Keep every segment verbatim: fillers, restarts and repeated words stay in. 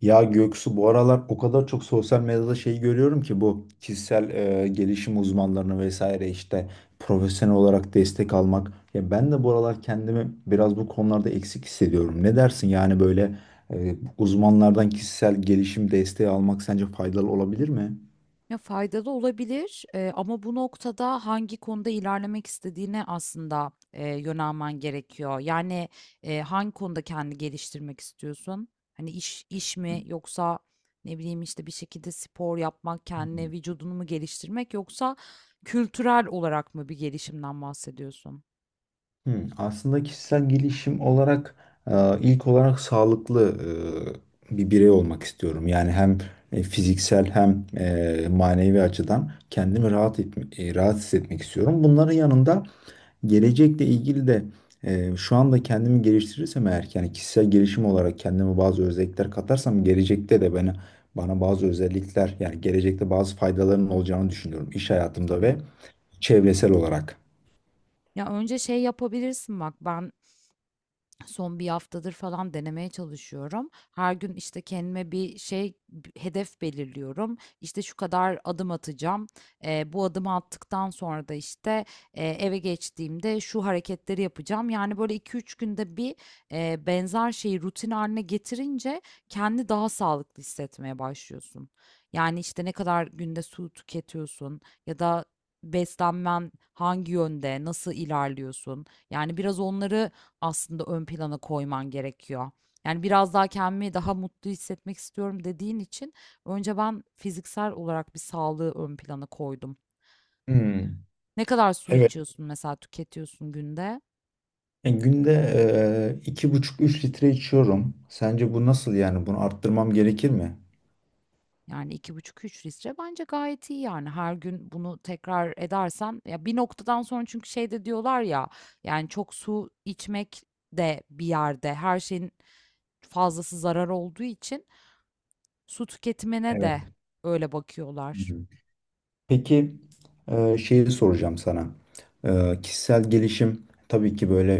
Ya Göksu, bu aralar o kadar çok sosyal medyada şey görüyorum ki bu kişisel e, gelişim uzmanlarını vesaire işte profesyonel olarak destek almak. Ya ben de bu aralar kendimi biraz bu konularda eksik hissediyorum. Ne dersin yani, böyle e, uzmanlardan kişisel gelişim desteği almak sence faydalı olabilir mi? Ya, faydalı olabilir, eee, ama bu noktada hangi konuda ilerlemek istediğine aslında, eee, yönelmen gerekiyor. Yani, eee, hangi konuda kendini geliştirmek istiyorsun? Hani, iş iş mi yoksa ne bileyim, işte, bir şekilde spor yapmak, kendine vücudunu mu geliştirmek yoksa kültürel olarak mı bir gelişimden bahsediyorsun? Hmm, aslında kişisel gelişim olarak e, ilk olarak sağlıklı e, bir birey olmak istiyorum. Yani hem e, fiziksel hem e, manevi açıdan kendimi rahat et, e, rahat hissetmek istiyorum. Bunların yanında gelecekle ilgili de e, şu anda kendimi geliştirirsem eğer, yani kişisel gelişim olarak kendime bazı özellikler katarsam gelecekte de bana bana bazı özellikler, yani gelecekte bazı faydaların olacağını düşünüyorum iş hayatımda Tabii. ve çevresel olarak. Ya, önce şey yapabilirsin bak, ben, son bir haftadır falan denemeye çalışıyorum. Her gün, işte, kendime bir şey, b hedef belirliyorum. İşte, şu kadar adım atacağım. Eee, bu adımı attıktan sonra da, işte, eee, eve geçtiğimde şu hareketleri yapacağım. Yani, böyle iki üç günde bir, eee, benzer şeyi rutin haline getirince kendi daha sağlıklı hissetmeye başlıyorsun. Yani, işte, ne kadar günde su tüketiyorsun ya da beslenmen hangi yönde, nasıl ilerliyorsun? Yani, biraz onları aslında ön plana koyman gerekiyor. Yani biraz daha kendimi daha mutlu hissetmek istiyorum dediğin için önce ben fiziksel olarak bir sağlığı ön plana koydum. Hmm. Ne kadar su Evet. içiyorsun mesela, tüketiyorsun günde? Yani günde eee, iki buçuk üç litre içiyorum. Sence bu nasıl yani? Bunu arttırmam gerekir mi? Yani iki buçuk üç litre bence gayet iyi. Yani her gün bunu tekrar edersen ya bir noktadan sonra, çünkü şey de diyorlar ya, yani çok su içmek de bir yerde, her şeyin fazlası zarar olduğu için su tüketimine Evet. de öyle Hı bakıyorlar. hı. Peki eee, şeyi soracağım sana. Eee, kişisel gelişim tabii ki böyle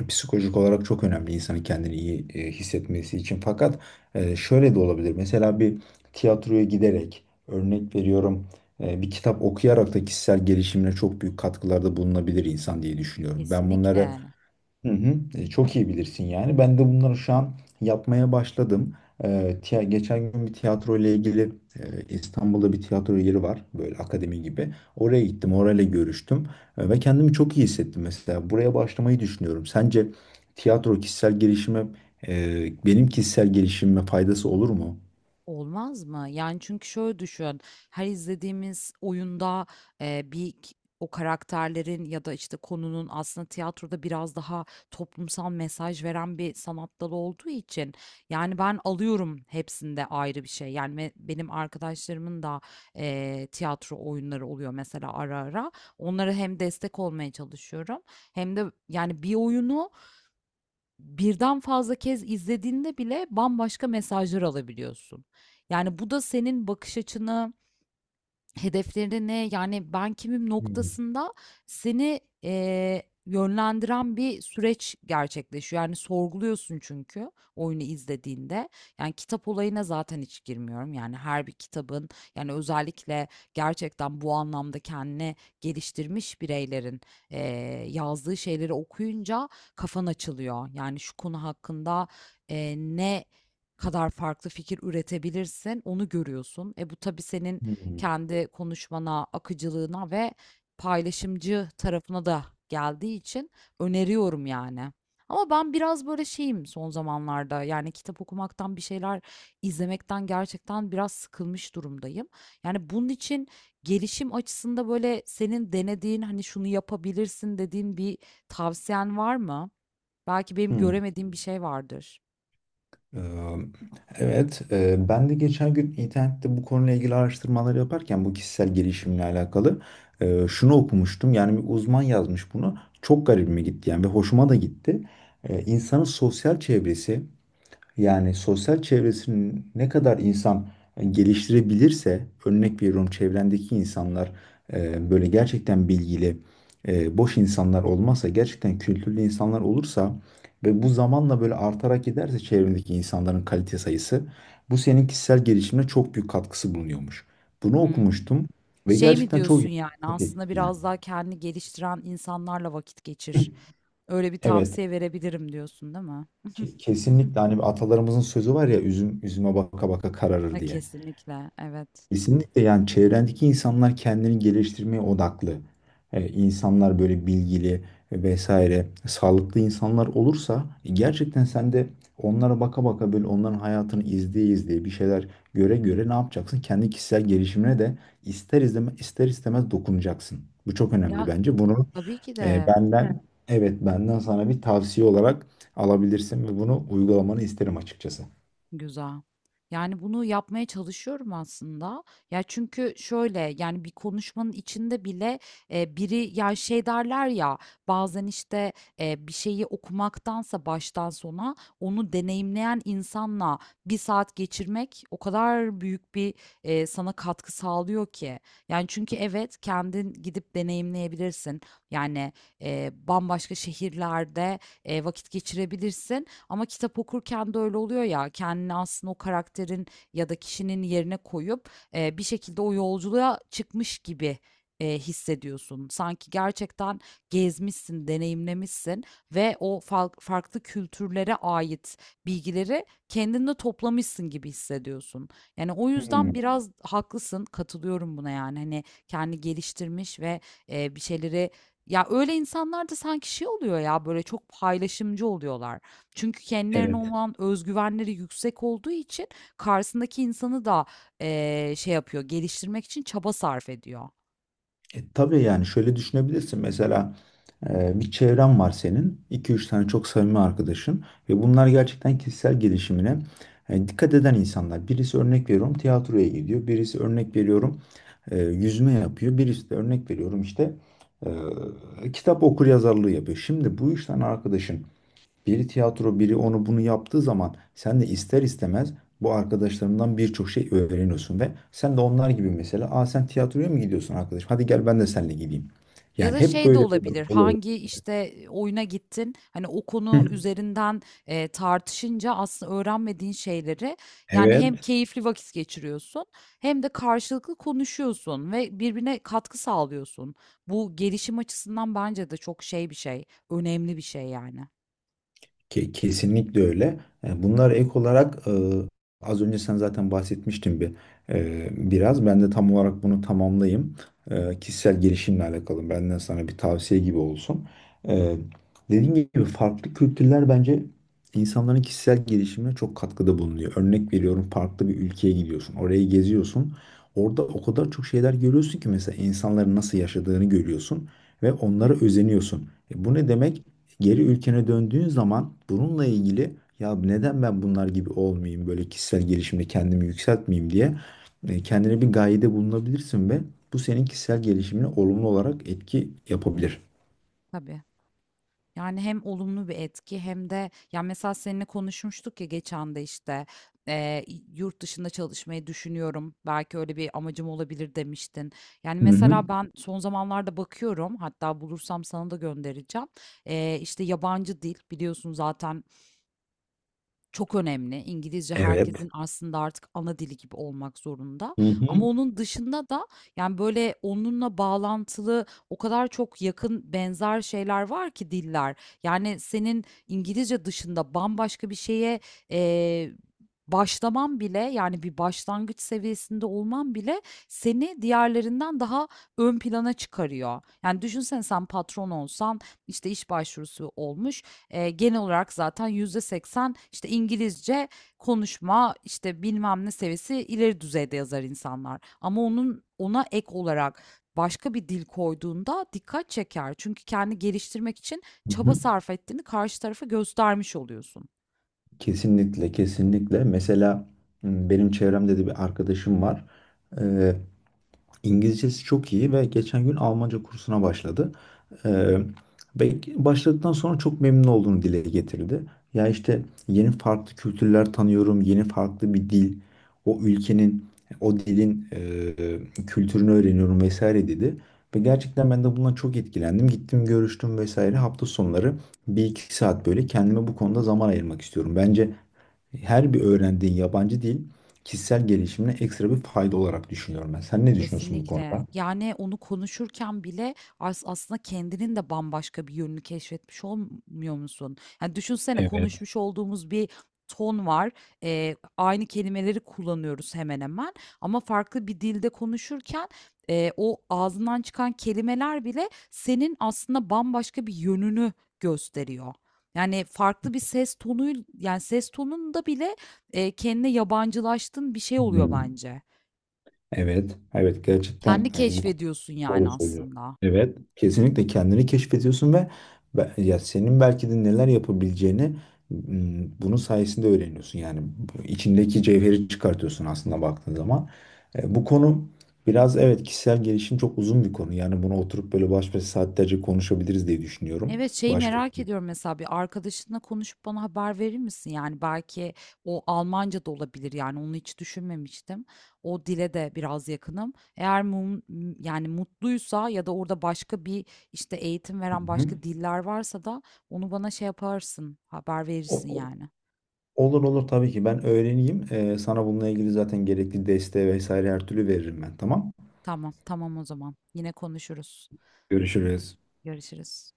eee, psikolojik olarak çok önemli insanın kendini iyi eee, hissetmesi için. Fakat eee, şöyle de olabilir. Mesela bir tiyatroya giderek, örnek veriyorum, eee, bir kitap okuyarak da kişisel gelişimine çok büyük katkılarda bulunabilir insan diye düşünüyorum. Ben bunları. Kesinlikle. Hı hı. E, çok iyi bilirsin yani. Ben de bunları şu an yapmaya başladım. E, tiya- geçen gün bir tiyatro ile ilgili, e, İstanbul'da bir tiyatro yeri var. Böyle akademi gibi. Oraya gittim, orayla görüştüm. E, ve kendimi çok iyi hissettim mesela. Buraya başlamayı düşünüyorum. Sence tiyatro kişisel gelişime, e, benim kişisel gelişimime faydası olur mu? Olmaz mı? Yani çünkü şöyle düşün, her izlediğimiz oyunda e, bir k- o karakterlerin ya da işte konunun, aslında tiyatroda biraz daha toplumsal mesaj veren bir sanat dalı olduğu için, yani ben alıyorum hepsinde ayrı bir şey. Yani me- benim arkadaşlarımın da e, tiyatro oyunları oluyor mesela ara ara. Onlara hem destek olmaya çalışıyorum hem de, yani bir oyunu birden fazla kez izlediğinde bile bambaşka mesajlar alabiliyorsun. Yani bu da senin bakış açını, hedeflerine, ne yani ben kimim Hmm. noktasında seni eee, yönlendiren bir süreç gerçekleşiyor. Yani sorguluyorsun çünkü oyunu izlediğinde. Yani kitap olayına zaten hiç girmiyorum. Yani her bir kitabın, yani özellikle gerçekten bu anlamda kendini geliştirmiş bireylerin eee, yazdığı şeyleri okuyunca kafan açılıyor. Yani şu konu hakkında eee, ne kadar farklı fikir üretebilirsin onu görüyorsun. E bu tabii senin Hı kendi konuşmana, akıcılığına ve paylaşımcı tarafına da geldiği için öneriyorum yani. Ama ben biraz böyle şeyim son zamanlarda. Yani kitap okumaktan, bir şeyler izlemekten gerçekten biraz sıkılmış durumdayım. Yani bunun için gelişim açısında, böyle senin denediğin, hani şunu yapabilirsin dediğin bir tavsiyen var mı? Belki benim hı. göremediğim bir şey vardır. Ee, Evet, e, ben de geçen gün internette bu konuyla ilgili araştırmalar yaparken bu kişisel gelişimle alakalı e, şunu okumuştum. Yani bir uzman yazmış bunu. Çok garibime gitti yani ve hoşuma da gitti. E, İnsanın sosyal çevresi, yani sosyal çevresini ne kadar insan e, geliştirebilirse, örnek veriyorum, çevrendeki insanlar e, böyle gerçekten bilgili, e, boş insanlar olmazsa, gerçekten kültürlü insanlar olursa ve bu zamanla böyle artarak giderse çevrendeki insanların kalite sayısı, bu senin kişisel gelişimine çok büyük katkısı bulunuyormuş. Bunu Hmm. okumuştum ve Şey mi gerçekten çok diyorsun, yani çok aslında etkili yani. biraz daha kendini geliştiren insanlarla vakit geçir. Öyle bir Evet, tavsiye verebilirim diyorsun, değil mi? ke- kesinlikle, hani atalarımızın sözü var ya, üzüm üzüme baka baka kararır E, diye. kesinlikle, evet. Kesinlikle, yani çevrendeki insanlar kendini geliştirmeye odaklı. Ee, insanlar böyle bilgili vesaire sağlıklı insanlar olursa e, gerçekten sen de onlara baka baka, böyle onların hayatını izleye izleye bir şeyler göre göre ne yapacaksın? Kendi kişisel gelişimine de ister izleme, ister istemez dokunacaksın. Bu çok önemli Ya bence. Bunu. tabii ki e, Evet. de. benden evet benden sana bir tavsiye olarak alabilirsin ve bunu uygulamanı isterim açıkçası. Güzel. Yani, bunu yapmaya çalışıyorum aslında. Ya, çünkü şöyle, yani, bir konuşmanın içinde bile, eee, biri ya, şey derler ya, bazen, işte, eee, bir şeyi okumaktansa baştan sona onu deneyimleyen insanla bir saat geçirmek o kadar büyük bir, eee, sana katkı sağlıyor ki. Yani, çünkü evet, kendin gidip deneyimleyebilirsin. Yani, eee, bambaşka şehirlerde, eee, vakit geçirebilirsin ama kitap okurken de öyle oluyor ya, kendini aslında o karakterin ya da kişinin yerine koyup e, bir şekilde o yolculuğa çıkmış gibi e, hissediyorsun. Sanki gerçekten gezmişsin, deneyimlemişsin ve o fal- farklı kültürlere ait bilgileri kendinde toplamışsın gibi hissediyorsun. Yani o yüzden Hmm, biraz haklısın, katılıyorum buna yani. Hani kendi geliştirmiş ve e, bir şeyleri, ya öyle insanlar da sanki şey oluyor ya, böyle çok paylaşımcı oluyorlar. Çünkü kendilerine evet. olan özgüvenleri yüksek olduğu için karşısındaki insanı da eee, şey yapıyor, geliştirmek için çaba sarf ediyor. E, tabii yani, şöyle düşünebilirsin. Mesela e, bir çevren var senin. İki üç tane çok samimi arkadaşın. Ve bunlar gerçekten kişisel gelişimine e, dikkat eden insanlar. Birisi, örnek veriyorum, tiyatroya gidiyor. Birisi, örnek veriyorum, e, yüzme yapıyor. Birisi de, örnek veriyorum, işte e, kitap okur yazarlığı yapıyor. Şimdi bu üç tane arkadaşın biri tiyatro, biri onu bunu yaptığı zaman sen de ister istemez bu arkadaşlarından birçok şey öğreniyorsun ve sen de onlar gibi, mesela, aa, sen tiyatroya mı gidiyorsun arkadaşım? Hadi gel, ben de seninle gideyim. Ya Yani da hep şey de böyle bir olabilir, olay. hangi işte oyuna gittin, hani o konu Hı. üzerinden eee, tartışınca aslında öğrenmediğin şeyleri, yani hem Evet. keyifli vakit geçiriyorsun hem de karşılıklı konuşuyorsun ve birbirine katkı sağlıyorsun. Bu gelişim açısından bence de çok şey bir şey, önemli bir şey yani. Ke- Kesinlikle öyle. E, Bunlar ek olarak, e, az önce sen zaten bahsetmiştin bir e, biraz. Ben de tam olarak bunu tamamlayayım. E, Kişisel gelişimle alakalı benden sana bir tavsiye gibi olsun. E, Dediğim gibi, farklı kültürler bence insanların kişisel gelişimine çok katkıda bulunuyor. Örnek veriyorum, farklı bir ülkeye gidiyorsun, orayı geziyorsun. Orada o kadar çok şeyler görüyorsun ki, mesela, insanların nasıl yaşadığını görüyorsun ve onlara özeniyorsun. E, Bu ne demek? Geri ülkene döndüğün zaman bununla ilgili ya neden ben bunlar gibi olmayayım, böyle kişisel gelişimde kendimi yükseltmeyeyim diye e, kendine bir gayede bulunabilirsin ve bu senin kişisel gelişimine olumlu olarak etki yapabilir. Tabii. Yani hem olumlu bir etki hem de, ya mesela seninle konuşmuştuk ya geçen de, işte eee, yurt dışında çalışmayı düşünüyorum, belki öyle bir amacım olabilir demiştin. Yani Hı hı. mesela ben son zamanlarda bakıyorum, hatta bulursam sana da göndereceğim. Eee işte yabancı dil biliyorsun, zaten çok önemli. İngilizce Evet. herkesin aslında artık ana dili gibi olmak zorunda. Hı Ama hı. onun dışında da, yani böyle onunla bağlantılı o kadar çok yakın benzer şeyler var ki, diller. Yani senin İngilizce dışında bambaşka bir şeye eee başlaman bile, yani bir başlangıç seviyesinde olman bile seni diğerlerinden daha ön plana çıkarıyor. Yani düşünsene, sen patron olsan, işte iş başvurusu olmuş. Eee, genel olarak zaten yüzde seksen işte İngilizce konuşma, işte bilmem ne seviyesi ileri düzeyde yazar insanlar. Ama onun, ona ek olarak başka bir dil koyduğunda dikkat çeker. Çünkü kendi geliştirmek için Hı çaba hı. sarf ettiğini karşı tarafa göstermiş oluyorsun. Kesinlikle, kesinlikle. Mesela m, benim çevremde de bir arkadaşım var. Ee, İngilizcesi çok iyi ve geçen gün Almanca kursuna başladı. Ee, ve başladıktan sonra çok memnun olduğunu dile getirdi. Ya işte, yeni farklı kültürler tanıyorum, yeni farklı bir dil, o ülkenin, o dilin e, kültürünü öğreniyorum vesaire dedi. Ve gerçekten ben de bundan çok etkilendim. Gittim, görüştüm vesaire. Hafta sonları bir iki saat böyle kendime bu konuda zaman ayırmak istiyorum. Bence her bir öğrendiğin yabancı dil kişisel gelişimine ekstra bir fayda olarak düşünüyorum ben. Sen ne düşünüyorsun bu Kesinlikle. konuda? Yani onu konuşurken bile as aslında kendinin de bambaşka bir yönünü keşfetmiş olmuyor musun? Yani düşünsene, Evet. konuşmuş olduğumuz bir ton var. Ee, aynı kelimeleri kullanıyoruz hemen hemen. Ama farklı bir dilde konuşurken e, o ağzından çıkan kelimeler bile senin aslında bambaşka bir yönünü gösteriyor. Yani farklı bir ses tonu, yani ses tonunda bile e, kendine yabancılaştığın bir şey oluyor Hmm. bence. Evet. Evet, gerçekten Kendi e, bu keşfediyorsun yani doğru söylüyor. aslında. Evet. Kesinlikle kendini keşfediyorsun ve be- ya senin belki de neler yapabileceğini m, bunun sayesinde öğreniyorsun. Yani bu içindeki cevheri çıkartıyorsun, aslında baktığın zaman. E, bu konu biraz, evet, kişisel gelişim çok uzun bir konu. Yani bunu oturup böyle baş başa saatlerce konuşabiliriz diye düşünüyorum. Evet, şeyi Başka merak bir. ediyorum, mesela bir arkadaşınla konuşup bana haber verir misin? Yani belki o Almanca da olabilir, yani onu hiç düşünmemiştim. O dile de biraz yakınım. Eğer mum, m- yani mutluysa, ya da orada başka bir işte eğitim Hı veren hı. başka diller varsa da onu bana şey yaparsın, haber o- verirsin o- yani. Olur olur, tabii ki ben öğreneyim. E, sana bununla ilgili zaten gerekli desteği vesaire her türlü veririm ben, tamam. Tamam, tamam o zaman. Yine konuşuruz. Görüşürüz. Görüşürüz.